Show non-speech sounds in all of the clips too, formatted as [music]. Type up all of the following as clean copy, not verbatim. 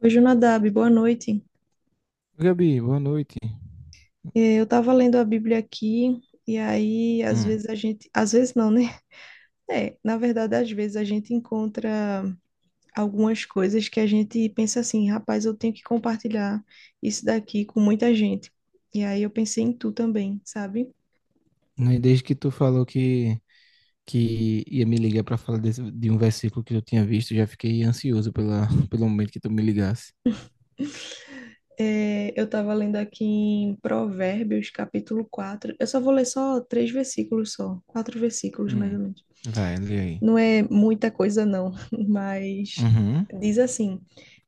Oi, Jonadab, boa noite. Gabi, boa noite. Eu estava lendo a Bíblia aqui, e aí, às Hum. vezes a gente. Às vezes não, né? [laughs] É, na verdade, às vezes a gente encontra algumas coisas que a gente pensa assim, rapaz, eu tenho que compartilhar isso daqui com muita gente. E aí eu pensei em tu também, sabe? Não é Desde que tu falou que ia me ligar para falar de um versículo que eu tinha visto, já fiquei ansioso [laughs] pelo momento que tu me ligasse. Eu estava lendo aqui em Provérbios, capítulo 4. Eu só vou ler só 3 versículos só, 4 versículos mais ou Hum. menos. Vai, lê aí. Não é muita coisa, não, [laughs] mas Uhum, diz assim: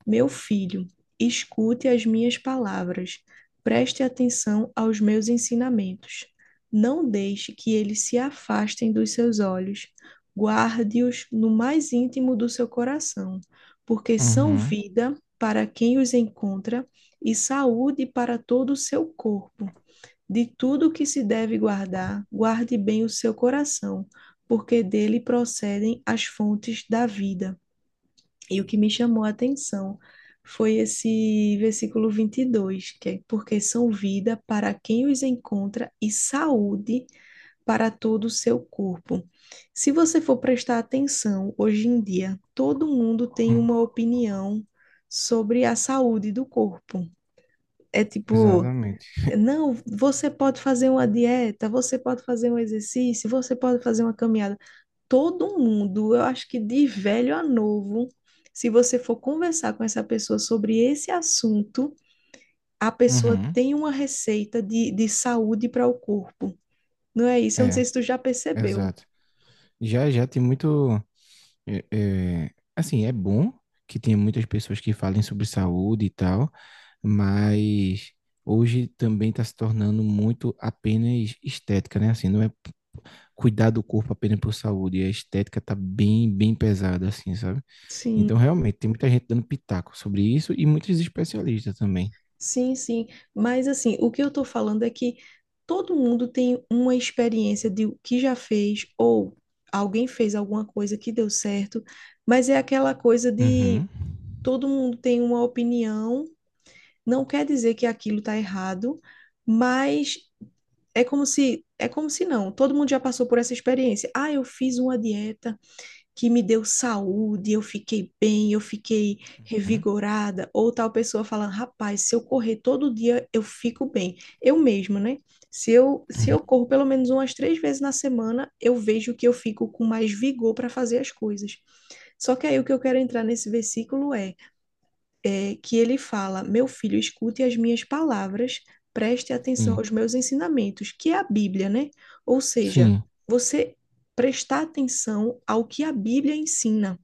Meu filho, escute as minhas palavras, preste atenção aos meus ensinamentos. Não deixe que eles se afastem dos seus olhos, guarde-os no mais íntimo do seu coração, porque são uhum, vida para quem os encontra e saúde para todo o seu corpo. De tudo que se deve guardar, guarde bem o seu coração, porque dele procedem as fontes da vida. E o que me chamou a atenção foi esse versículo 22, que é porque são vida para quem os encontra e saúde para todo o seu corpo. Se você for prestar atenção, hoje em dia, todo mundo tem hum. uma opinião sobre a saúde do corpo. É tipo, Exatamente. [laughs] não, você pode fazer uma dieta, você pode fazer um exercício, você pode fazer uma caminhada. Todo mundo, eu acho que de velho a novo, se você for conversar com essa pessoa sobre esse assunto, a pessoa Uhum. tem uma receita de saúde para o corpo. Não é isso? Eu não sei É, se tu já percebeu. exato. Já, já tem muito. é, é, assim, é bom que tenha muitas pessoas que falem sobre saúde e tal, mas hoje também está se tornando muito apenas estética, né? Assim, não é cuidar do corpo apenas por saúde. E a estética tá bem, bem pesada, assim, sabe? Sim. Então, realmente, tem muita gente dando pitaco sobre isso e muitos especialistas também. Sim, sim. Mas assim, o que eu tô falando é que todo mundo tem uma experiência de o que já fez ou alguém fez alguma coisa que deu certo, mas é aquela coisa de Uhum. todo mundo tem uma opinião, não quer dizer que aquilo tá errado, mas é como se não, todo mundo já passou por essa experiência. Ah, eu fiz uma dieta que me deu saúde, eu fiquei bem, eu fiquei Uhum. revigorada. Ou tal pessoa falando, rapaz, se eu correr todo dia, eu fico bem. Eu mesma, né? Se eu Uhum. corro pelo menos umas 3 vezes na semana, eu vejo que eu fico com mais vigor para fazer as coisas. Só que aí o que eu quero entrar nesse versículo é que ele fala: Meu filho, escute as minhas palavras, preste atenção Sim, aos meus ensinamentos, que é a Bíblia, né? Ou seja, sim. você prestar atenção ao que a Bíblia ensina.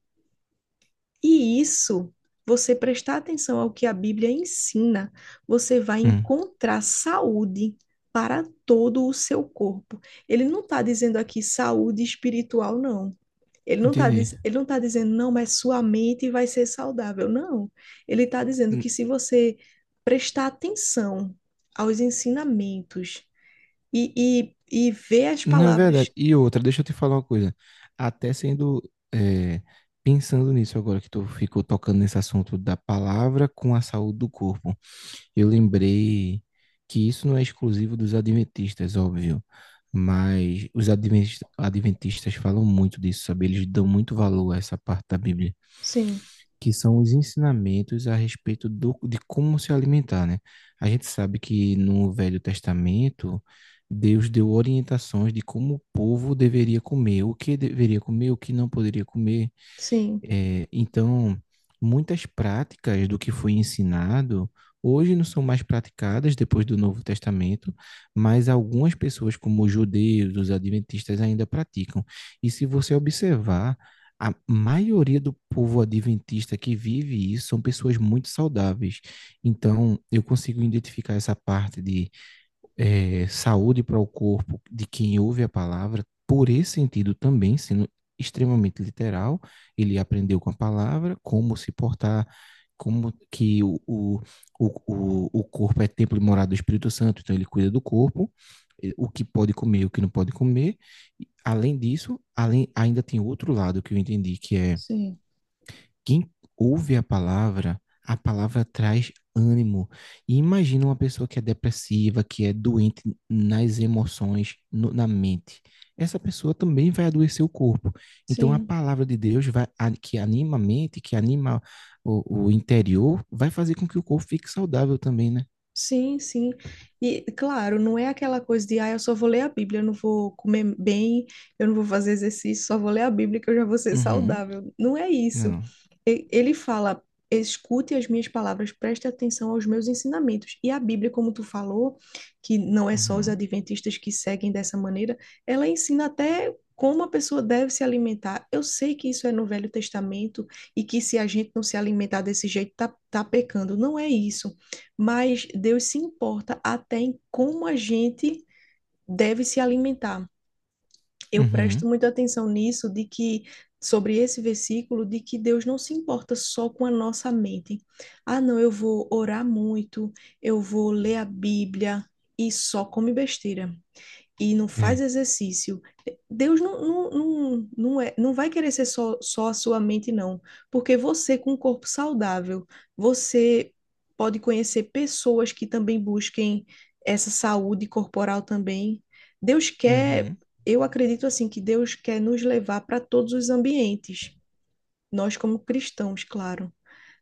E isso, você prestar atenção ao que a Bíblia ensina, você vai Hum. encontrar saúde para todo o seu corpo. Ele não está dizendo aqui saúde espiritual, não. Ele não está Entendi. ele não tá dizendo, não, mas sua mente vai ser saudável. Não. Ele está dizendo N- que se você prestar atenção aos ensinamentos e, e, e ver as Não é palavras. verdade. E outra, deixa eu te falar uma coisa. Até sendo, é, Pensando nisso agora que tu ficou tocando nesse assunto da palavra com a saúde do corpo. Eu lembrei que isso não é exclusivo dos adventistas, óbvio, mas os adventistas falam muito disso, sabe? Eles dão muito valor a essa parte da Bíblia, Sim, que são os ensinamentos a respeito de como se alimentar, né? A gente sabe que no Velho Testamento, Deus deu orientações de como o povo deveria comer, o que deveria comer, o que não poderia comer. sim, É, então, muitas práticas do que foi ensinado hoje não são mais praticadas depois do Novo Testamento, mas algumas pessoas, como os judeus, os adventistas, ainda praticam. E se você observar, a maioria do povo adventista que vive isso são pessoas muito saudáveis. Então, eu consigo identificar essa parte de saúde para o corpo de quem ouve a palavra, por esse sentido também, sendo extremamente literal, ele aprendeu com a palavra como se portar, como que o corpo é templo e morada do Espírito Santo, então ele cuida do corpo, o que pode comer, o que não pode comer. Além disso, ainda tem outro lado que eu entendi, que é sim, quem ouve a palavra traz ânimo. E imagina uma pessoa que é depressiva, que é doente nas emoções, na mente. Essa pessoa também vai adoecer o corpo. Então, a sim. palavra de Deus que anima a mente, que anima o interior, vai fazer com que o corpo fique saudável também, né? Sim, sim. E claro, não é aquela coisa de, ah, eu só vou ler a Bíblia, eu não vou comer bem, eu não vou fazer exercício, só vou ler a Bíblia que eu já vou ser Uhum. saudável. Não é isso. Não. Ele fala, escute as minhas palavras, preste atenção aos meus ensinamentos. E a Bíblia, como tu falou, que não é só os Uhum. adventistas que seguem dessa maneira, ela ensina até como a pessoa deve se alimentar. Eu sei que isso é no Velho Testamento e que se a gente não se alimentar desse jeito, tá pecando. Não é isso, mas Deus se importa até em como a gente deve se alimentar. Eu Uhum. presto muita atenção nisso, de que sobre esse versículo, de que Deus não se importa só com a nossa mente. Ah, não, eu vou orar muito, eu vou ler a Bíblia e só come besteira e não faz É. exercício, Deus não vai querer ser só a sua mente, não. Porque você, com um corpo saudável, você pode conhecer pessoas que também busquem essa saúde corporal também. Deus quer, Uhum. eu acredito assim, que Deus quer nos levar para todos os ambientes, nós como cristãos, claro.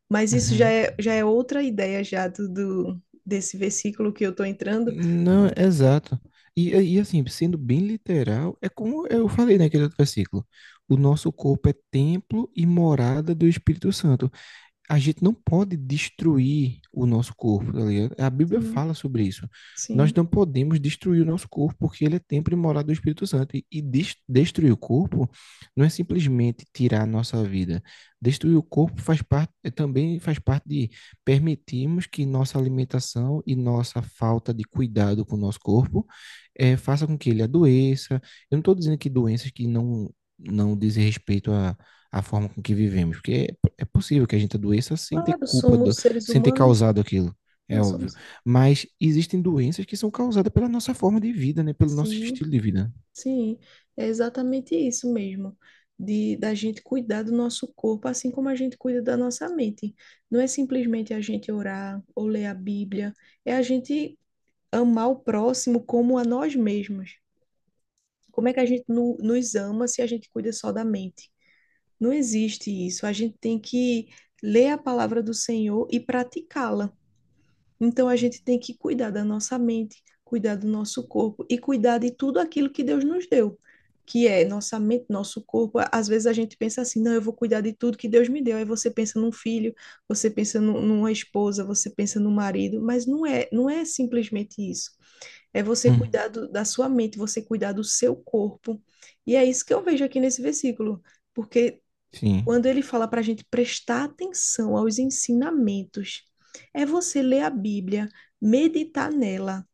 Mas isso Uhum. Já é outra ideia já do desse versículo que eu estou entrando. Não, exato. E, e assim, sendo bem literal, é como eu falei naquele outro versículo. O nosso corpo é templo e morada do Espírito Santo, a gente não pode destruir o nosso corpo, tá ligado? A Bíblia Sim, fala sobre isso. Nós sim. não podemos destruir o nosso corpo, porque ele é templo e morada do Espírito Santo. Destruir o corpo não é simplesmente tirar a nossa vida. Destruir o corpo faz parte, também faz parte de permitirmos que nossa alimentação e nossa falta de cuidado com o nosso corpo faça com que ele adoeça. Eu não estou dizendo que doenças que não, não dizem respeito a forma com que vivemos, porque é possível que a gente adoeça sem ter Claro, culpa, somos seres sem ter humanos, causado aquilo, é né? óbvio. Somos. Mas existem doenças que são causadas pela nossa forma de vida, né? Pelo nosso Sim, estilo de vida. sim, é exatamente isso mesmo, de da gente cuidar do nosso corpo, assim como a gente cuida da nossa mente. Não é simplesmente a gente orar ou ler a Bíblia, é a gente amar o próximo como a nós mesmos. Como é que a gente nos ama se a gente cuida só da mente? Não existe isso. A gente tem que ler a palavra do Senhor e praticá-la. Então a gente tem Uhum. que cuidar da nossa mente, cuidar do nosso corpo e cuidar de tudo aquilo que Deus nos deu, que é nossa mente, nosso corpo. Às vezes a gente pensa assim, não, eu vou cuidar de tudo que Deus me deu. Aí você pensa num filho, você pensa numa esposa, você pensa no marido, mas não é simplesmente isso. É você Uhum. cuidar da sua mente, você cuidar do seu corpo. E é isso que eu vejo aqui nesse versículo, porque Sim, quando ele fala para a gente prestar atenção aos ensinamentos, é você ler a Bíblia, meditar nela,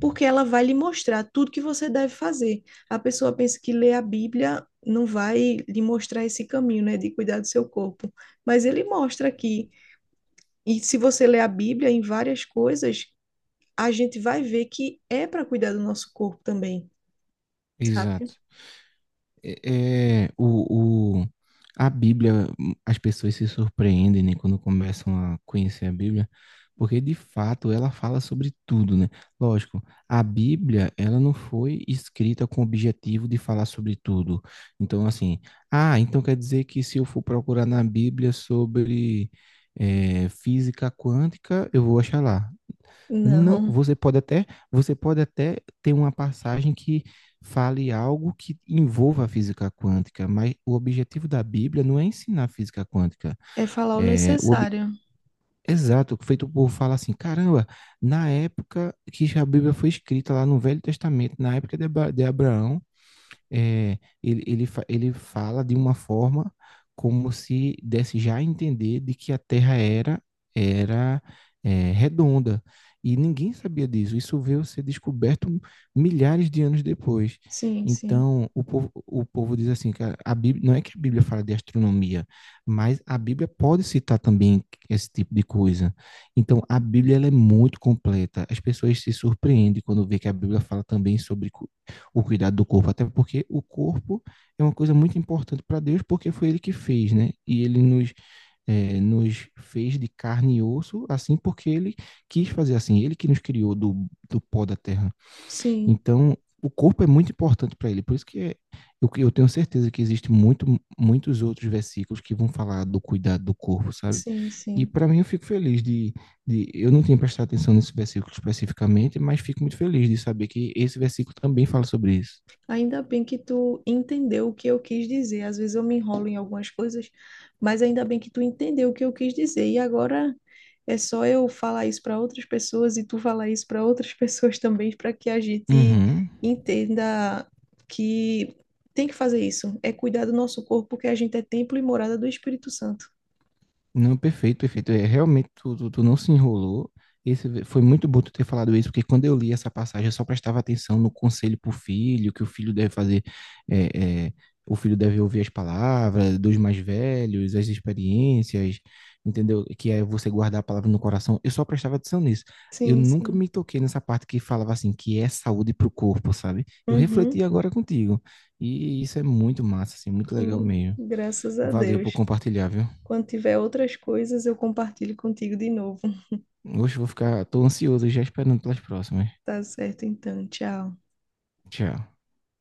porque ela vai lhe mostrar tudo que você deve fazer. A pessoa pensa que ler a Bíblia não vai lhe mostrar esse caminho, né, de cuidar do seu corpo, mas ele mostra aqui. E se você ler a Bíblia em várias coisas, a gente vai ver que é para cuidar do nosso corpo também, sabe? exato. é, é, o, o, a Bíblia, as pessoas se surpreendem, né, quando começam a conhecer a Bíblia, porque de fato ela fala sobre tudo, né? Lógico, a Bíblia, ela não foi escrita com o objetivo de falar sobre tudo. Então, assim, ah, então quer dizer que se eu for procurar na Bíblia sobre física quântica, eu vou achar lá. Não, Não, você pode até ter uma passagem que fale algo que envolva a física quântica, mas o objetivo da Bíblia não é ensinar física quântica. é falar o É, o, ob- necessário. Exato, feito por falar assim, caramba, na época que a Bíblia foi escrita lá no Velho Testamento, na época de Abraão, ele fala de uma forma como se desse já a entender de que a Terra era, era redonda. E ninguém sabia disso. Isso veio a ser descoberto milhares de anos depois. Sim, sim. Então, o povo diz assim, cara, a Bíblia, não é que a Bíblia fala de astronomia, mas a Bíblia pode citar também esse tipo de coisa. Então, a Bíblia ela é muito completa. As pessoas se surpreendem quando vê que a Bíblia fala também sobre o cuidado do corpo, até porque o corpo é uma coisa muito importante para Deus, porque foi Ele que fez, né? E Ele nos fez de carne e osso, assim, porque Ele quis fazer assim, Ele que nos criou do pó da terra. Sim, Então, o corpo é muito importante para ele, por isso que eu tenho certeza que existem muitos outros versículos que vão falar do cuidado do corpo, sabe? sim, E sim. para mim eu fico feliz eu não tinha prestado atenção nesse versículo especificamente, mas fico muito feliz de saber que esse versículo também fala sobre isso. Ainda bem que tu entendeu o que eu quis dizer. Às vezes eu me enrolo em algumas coisas, mas ainda bem que tu entendeu o que eu quis dizer. E agora é só eu falar isso para outras pessoas e tu falar isso para outras [laughs] pessoas também, para que a gente Uhum. entenda que tem que fazer isso. É cuidar do nosso corpo, porque a gente é templo e morada do Espírito Santo. Não, perfeito, perfeito. É, realmente, tu não se enrolou. Foi muito bom tu ter falado isso, porque quando eu li essa passagem, eu só prestava atenção no conselho para o filho, que o filho deve fazer, é, é, o filho deve ouvir as palavras dos mais velhos, as experiências, entendeu? Que é você guardar a palavra no coração. Eu só prestava atenção nisso. Eu Sim, nunca sim. me toquei nessa parte que falava assim, que é saúde para o corpo, sabe? Eu Uhum. refleti agora contigo. E isso é muito massa, assim, muito legal mesmo. graças a Valeu por Deus. compartilhar, viu? Quando tiver outras coisas, eu compartilho contigo de novo. Tô ansioso já esperando pelas próximas. Tá certo, então. Tchau. Tchau.